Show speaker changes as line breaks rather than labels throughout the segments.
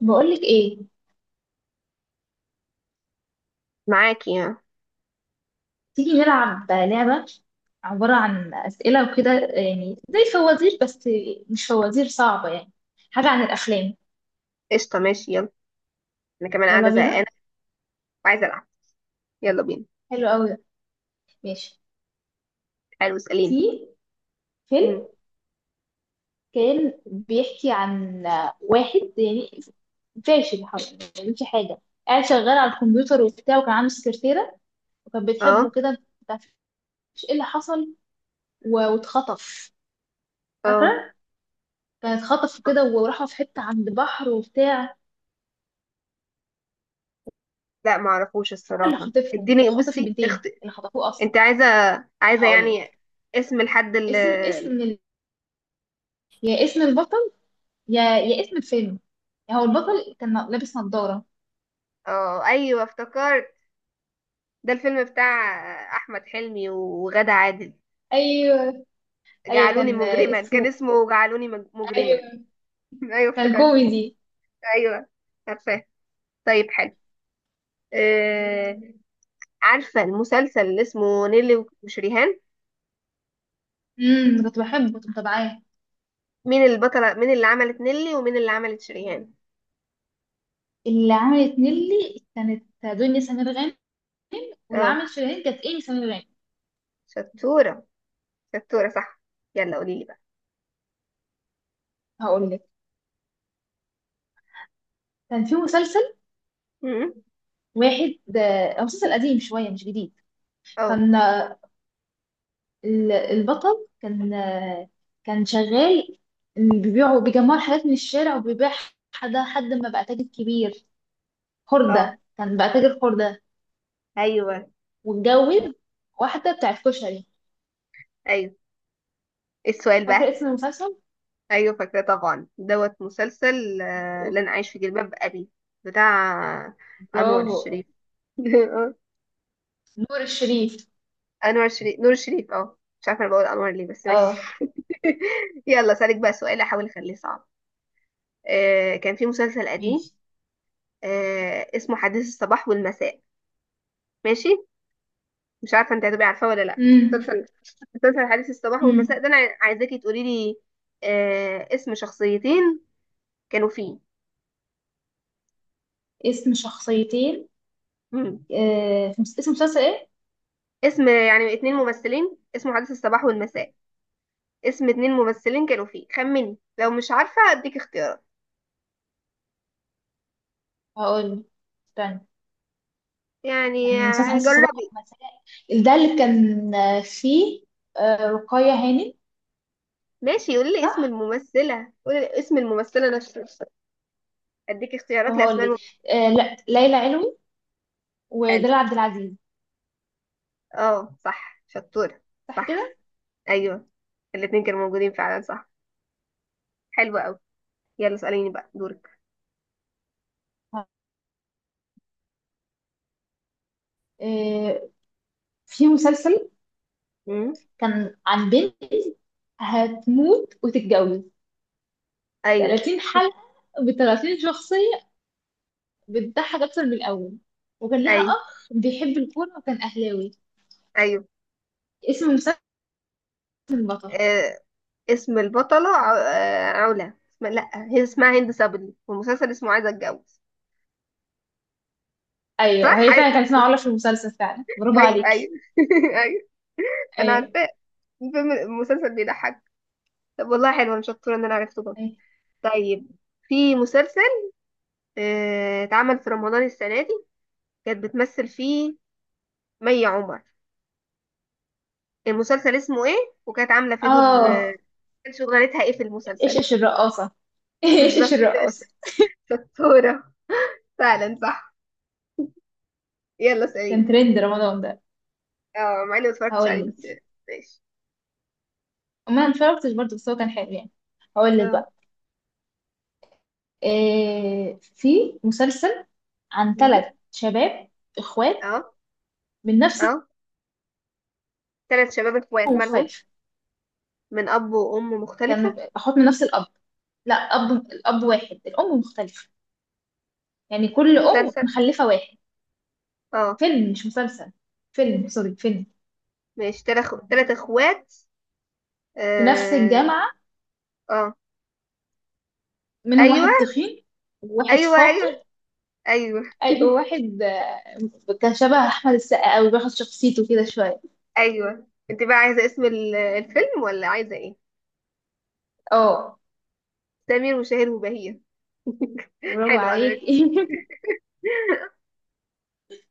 بقولك ايه؟
معاكي.
تيجي نلعب لعبة عبارة عن أسئلة وكده، يعني زي فوازير، بس مش فوازير صعبة يعني. حاجة عن الأفلام.
قشطة ماشي يلا. أنا كمان
يلا
قاعدة زهقانة
بينا.
وعايزة ألعب. يلا بينا.
حلو قوي ده. ماشي.
حلو، اسأليني.
في
مم.
فيلم كان بيحكي عن واحد يعني فاشل حرفيا، ما بيعملش حاجة، قاعد شغال على الكمبيوتر وبتاع، وكان عنده سكرتيرة وكانت بتحبه
اه.
كده. ما تعرفش ايه اللي حصل؟ و- واتخطف.
اه،
فاكرة؟ كان اتخطف كده، وراحوا في حتة عند بحر وبتاع.
لا معرفوش
اللي
الصراحة،
خاطفهم
اديني
خاطف
بصي
البنتين اللي خطفوه اصلا.
انت عايزة
هقول
يعني
لك.
اسم الحد
اسم
اللي...
اسم ال... يا اسم البطل، يا اسم الفيلم. هو البطل كان لابس نظارة.
اه، ايوه افتكرت، ده الفيلم بتاع أحمد حلمي وغادة عادل،
ايوه، ايوه
جعلوني
كان
مجرما، كان
اسمه.
اسمه مجرما.
ايوه
ايوه
كان
افتكرته،
كوميدي.
ايوه عارفاه. طيب حلو. آه... عارفة المسلسل اللي اسمه نيلي وشريهان؟
امم، كنت بحبه، كنت متابعاه.
مين البطلة، مين اللي عملت نيلي ومين اللي عملت شريهان؟
اللي عملت نيلي كانت دنيا سمير غانم، واللي
اه،
عملت شيرين كانت ايمي سمير غانم.
شطورة شطورة صح. يلا قولي لي بقى.
هقول لك. كان في مسلسل
م-
واحد، مسلسل قديم شوية مش جديد.
اه.
كان البطل كان كان شغال، إن بيبيعوا بيجمعوا الحاجات من الشارع وبيبيع. حد ما بقى تاجر كبير.
اه،
خردة، كان بقى تاجر خردة،
ايوه ايوه.
واتجوز واحدة بتاعت كشري.
إيه السؤال بقى؟
فاكرة اسم المسلسل؟
ايوه فاكرة طبعا، دوت مسلسل لن اعيش في جلباب ابي، بتاع انور
برافو.
الشريف. آه،
نور الشريف.
انور الشريف، نور الشريف، اه مش عارفة انا بقول انور ليه، بس ماشي.
اه،
يلا سألك بقى سؤال احاول اخليه صعب. كان في مسلسل قديم
ماشي.
اسمه حديث الصباح والمساء. ماشي، مش عارفه انت هتبقي عارفاه ولا لا.
امم.
مسلسل مسلسل حديث الصباح والمساء
امم.
ده، انا عايزاكي تقولي لي اسم شخصيتين كانوا فيه.
اسم شخصيتين.
مم.
في اسم مسلسل ايه؟
اسم يعني اتنين ممثلين، اسمه حديث الصباح والمساء، اسم اتنين ممثلين كانوا فيه، خمني، لو مش عارفه اديك اختيارات.
هقول، استنى.
يعني
كان مسلسل حاسة صباح
جربي.
ومساء، ده اللي كان فيه رقية هانم،
ماشي، قولي لي اسم
صح؟
الممثله، قولي لي اسم الممثله نفسها، اديك
طب
اختيارات
هقول
لاسماء
لك،
الممثلين.
لا، ليلى علوي
حلو،
ودلال عبد العزيز.
اه صح، شطوره
صح
صح،
كده.
ايوه الاتنين كانوا موجودين فعلا صح. حلو قوي، يلا اساليني بقى دورك.
آه، في مسلسل
مم.
كان عن بنت هتموت وتتجوز،
ايوه
30 حلقة ب 30 شخصية، بتضحك أكتر من الأول، وكان ليها
ايوه
أخ بيحب الكورة وكان أهلاوي.
ايوه.
اسم المسلسل؟ البطل.
آه، اسم البطلة علا. لا، هي اسمها هند صبري، والمسلسل اسمه عايزة اتجوز.
أيوه،
صح،
هي فعلا كان اسمها علا في المسلسل فعلا. برافو
ايوه ايوه.
عليكي.
ايوه انا
أيوه.
عارفاه، الفيلم المسلسل بيضحك. طب والله حلو، انا شطورة ان انا عرفته برضه.
أيوه.
طيب، في مسلسل اتعمل في رمضان السنة دي، كانت بتمثل فيه مي عمر، المسلسل اسمه ايه؟ وكانت عاملة فيه دور آه،
آه.
كان شغلتها ايه في
إيش
المسلسل؟
إيش الرقاصة. إيش إيش
بالظبط كده.
الرقاصة.
شطورة فعلا صح. يلا
كان
سعيد.
ترند رمضان ده.
اه، مع اني متفرجتش
هقول
عليه
لك.
بس. ماشي.
ما اتفرجتش برضه، بس هو كان حلو يعني. هقول لك
اه.
بقى. إيه، في مسلسل عن
مم.
ثلاث شباب اخوات
اه.
من نفس
اه، تلات شباب اخوات
الأم
مالهم،
مختلف.
من اب وام مختلفة.
كانوا اخوات من نفس الاب. لا، اب، الاب واحد، الام مختلفه. يعني كل ام
مسلسل.
مخلفه واحد.
اه،
فيلم مش مسلسل، فيلم سوري فيلم.
ماشي، تلات اخوات.
في نفس
اه.
الجامعه،
اه،
منهم
ايوه
واحد تخين وواحد
ايوه
فاطي.
ايوه ايوه.
وواحد كان شبه احمد السقا قوي، بياخد شخصيته كده شويه.
ايوه، انت بقى عايزة اسم الفيلم ولا عايزة ايه؟
اه.
سمير وشهير وبهير.
برافو
حلو على
عليك.
فكرة.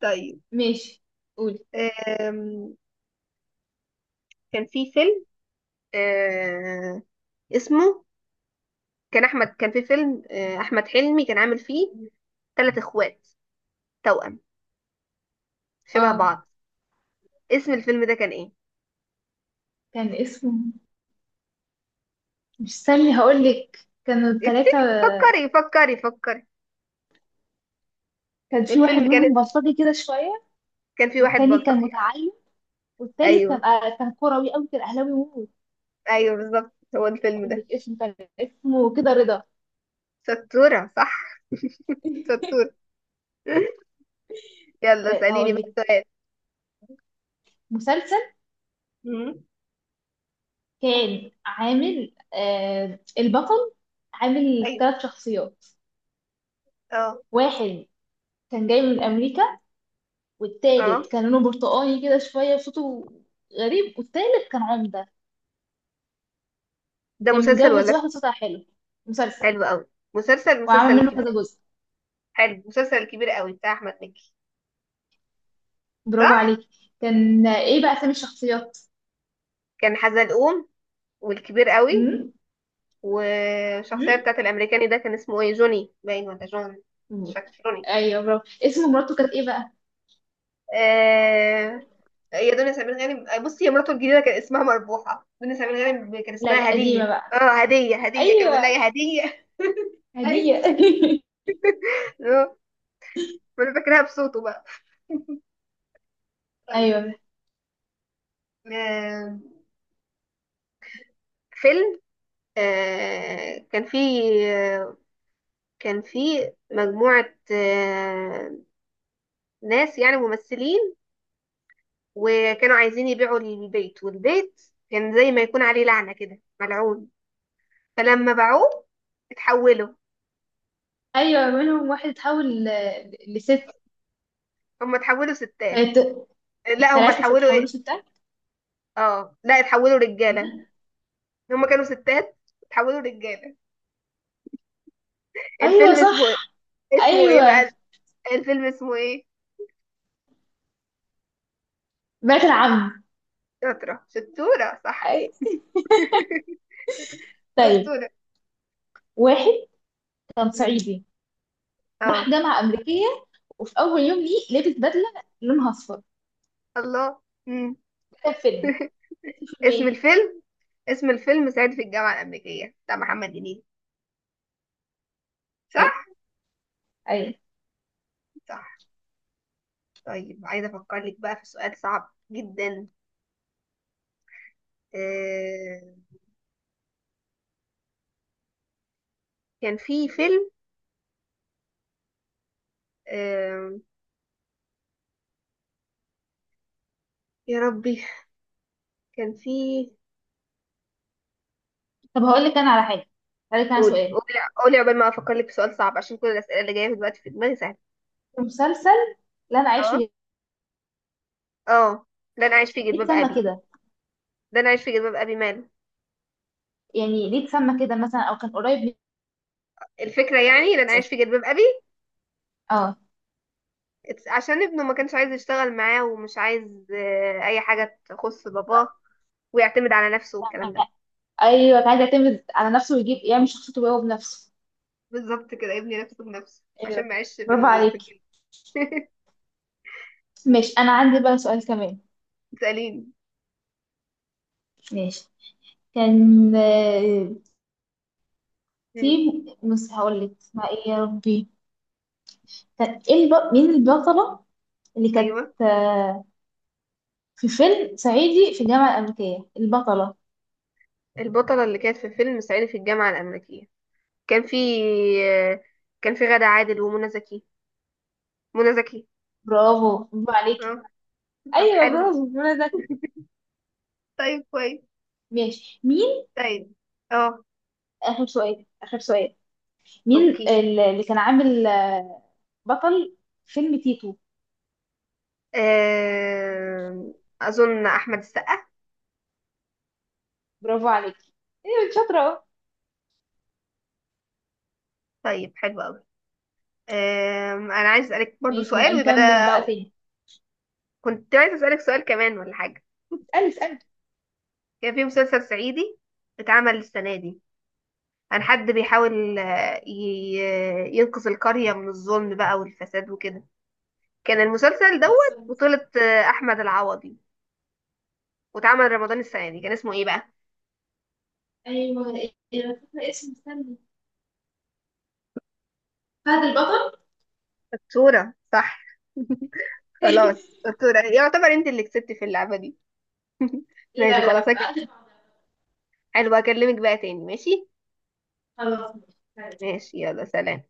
طيب.
ماشي، قولي.
آم، كان في فيلم آه، اسمه، كان في فيلم احمد حلمي كان عامل فيه ثلاث اخوات توأم شبه
اه،
بعض، اسم الفيلم ده كان ايه؟
كان اسمه، مش استني، هقولك. كانوا التلاتة،
افتكري، فكري فكري فكري.
كان في واحد
الفيلم كان،
منهم بلطجي كده شوية،
كان في واحد
والتاني كان
بلطجي.
متعلم، والتالت
ايوه
كان كان كروي أوي، كان أهلاوي موت.
ايوه بالظبط، هو الفيلم ده.
هقولك اسمه، كان اسمه كده رضا.
ستورة صح، ستورة. يلا
طيب
سأليني بقى
هقولك.
سؤال.
مسلسل
مم.
كان عامل آه البطل، عامل
ايوه.
تلات شخصيات.
اه.
واحد كان جاي من أمريكا،
اه.
والتالت كان لونه برتقاني كده شوية وصوته غريب، والتالت كان عمدة
ده
وكان
مسلسل
متجوز
ولا فيلم؟
واحدة صوتها حلو. مسلسل.
حلو قوي، مسلسل
وعامل منه كذا
الكبير.
جزء.
حلو، مسلسل الكبير قوي بتاع احمد مكي.
برافو
صح،
عليك. كان ايه بقى اسامي الشخصيات؟
كان حزلقوم والكبير قوي،
امم.
والشخصيه بتاعت الامريكاني ده كان اسمه ايه؟ جوني باين ولا جون؟ مش
امم.
فاكر، جوني.
ايوه، برافو. اسم مراته كانت ايه بقى؟
آه، هي دنيا سمير غانم. بصي، هي مراته الجديده كان اسمها مربوحه، دنيا سمير غانم كان
لا،
اسمها
القديمه
هديه،
بقى.
اه هديه، هديه كان بيقول لها
ايوه،
يا هديه.
هديه.
ايوه. آه، وانا فاكرها بصوته بقى. طيب.
ايوه.
آه، فيلم، كان فيه آه، مجموعة ناس يعني ممثلين، وكانوا عايزين يبيعوا البيت، والبيت كان زي ما يكون عليه لعنة كده، ملعون، فلما باعوه اتحولوا.
ايوه، منهم واحد اتحول لست.
هم اتحولوا ستات؟
كانت
لا هم
الثلاثه
اتحولوا
اتحولوا
ايه؟
ستات.
اه لا، اتحولوا رجاله، هم كانوا ستات اتحولوا رجاله.
ايوه
الفيلم اسمه ايه؟
صح.
اسمه ايه
ايوه،
بقى؟ الفيلم اسمه ايه؟
بنات العم.
شطرة، شطورة صح.
أي... طيب،
شطورة.
واحد كان
مم.
صعيدي، راح
اه.
جامعه امريكيه، وفي اول يوم ليه لبس بدله لونها اصفر ده.
الله. مم.
كان فيلم. فيلم
اسم
ايه؟
الفيلم، اسم الفيلم صعيدي في الجامعة الأمريكية بتاع محمد هنيدي. صح.
ايوه.
صح. طيب، عايزة أفكر لك بقى في سؤال صعب جدا. آه... كان في فيلم آه... يا ربي، كان في...
طب هقول لك انا على حاجه، هقول لك انا
قولي
سؤال.
قولي. قولي قبل ما افكر لك في سؤال صعب عشان كل الاسئله اللي جايه دلوقتي في دماغي سهله.
المسلسل اللي انا عايش
اه.
فيه،
اه، لن اعيش في
ليه
جلباب
اتسمى
ابي.
كده؟
لن اعيش في جلباب ابي ماله؟
يعني ليه اتسمى كده مثلا، او كان قريب
الفكره يعني لن
من؟
اعيش في جلباب ابي،
اه،
عشان ابنه ما كانش عايز يشتغل معاه، ومش عايز اي حاجه تخص باباه، ويعتمد على نفسه والكلام ده.
ايوه كان عايز يعتمد على نفسه، ويجيب يعمل شخصيته هو بنفسه.
بالظبط كده، ابني نفسه بنفسه عشان
ايوه،
ما يعيش في
برافو
في
عليك.
الجلد.
ماشي، انا عندي بقى سؤال كمان.
تسأليني.
ماشي. كان في
مم.
هقول لك اسمها ايه يا ربي. كان ايه مين البطله اللي كانت
ايوه.
في فيلم صعيدي في الجامعه الامريكيه، البطله؟
البطله اللي كانت في فيلم صعيدي في الجامعه الامريكيه، كان في آه، كان في غادة عادل ومنى زكي. منى زكي.
برافو، برافو عليك.
اه. طب
ايوه
حلو.
برافو، منى زكي.
طيب كويس.
ماشي. مين.
طيب. اه.
اخر سؤال، اخر سؤال. مين
اوكي.
اللي كان عامل بطل فيلم تيتو؟
آم، اظن احمد السقا.
برافو عليك. ايوه انت شاطره اهو.
طيب حلو قوي، انا عايز اسالك برضو
ماشي، نبقى
سؤال ويبقى
نكمل
ده.
بقى تاني.
كنت عايز اسالك سؤال كمان ولا حاجه.
اسالي، اسالي.
كان في مسلسل صعيدي اتعمل السنه دي، عن حد بيحاول ينقذ القريه من الظلم بقى والفساد وكده، كان المسلسل دوت
خلصت.
بطولة احمد العوضي، واتعمل رمضان السنه دي، كان اسمه ايه بقى؟
ايوه. إيه، انا فاكره اسمه، استني. فهد البطل.
الصورة صح. خلاص أسطورة، يعتبر انت اللي كسبت في اللعبة دي. ماشي
لا لا،
خلاص أكد.
بعد بعض.
حلو هكلمك بقى تاني ماشي.
خلاص. ماشي.
ماشي يلا سلام.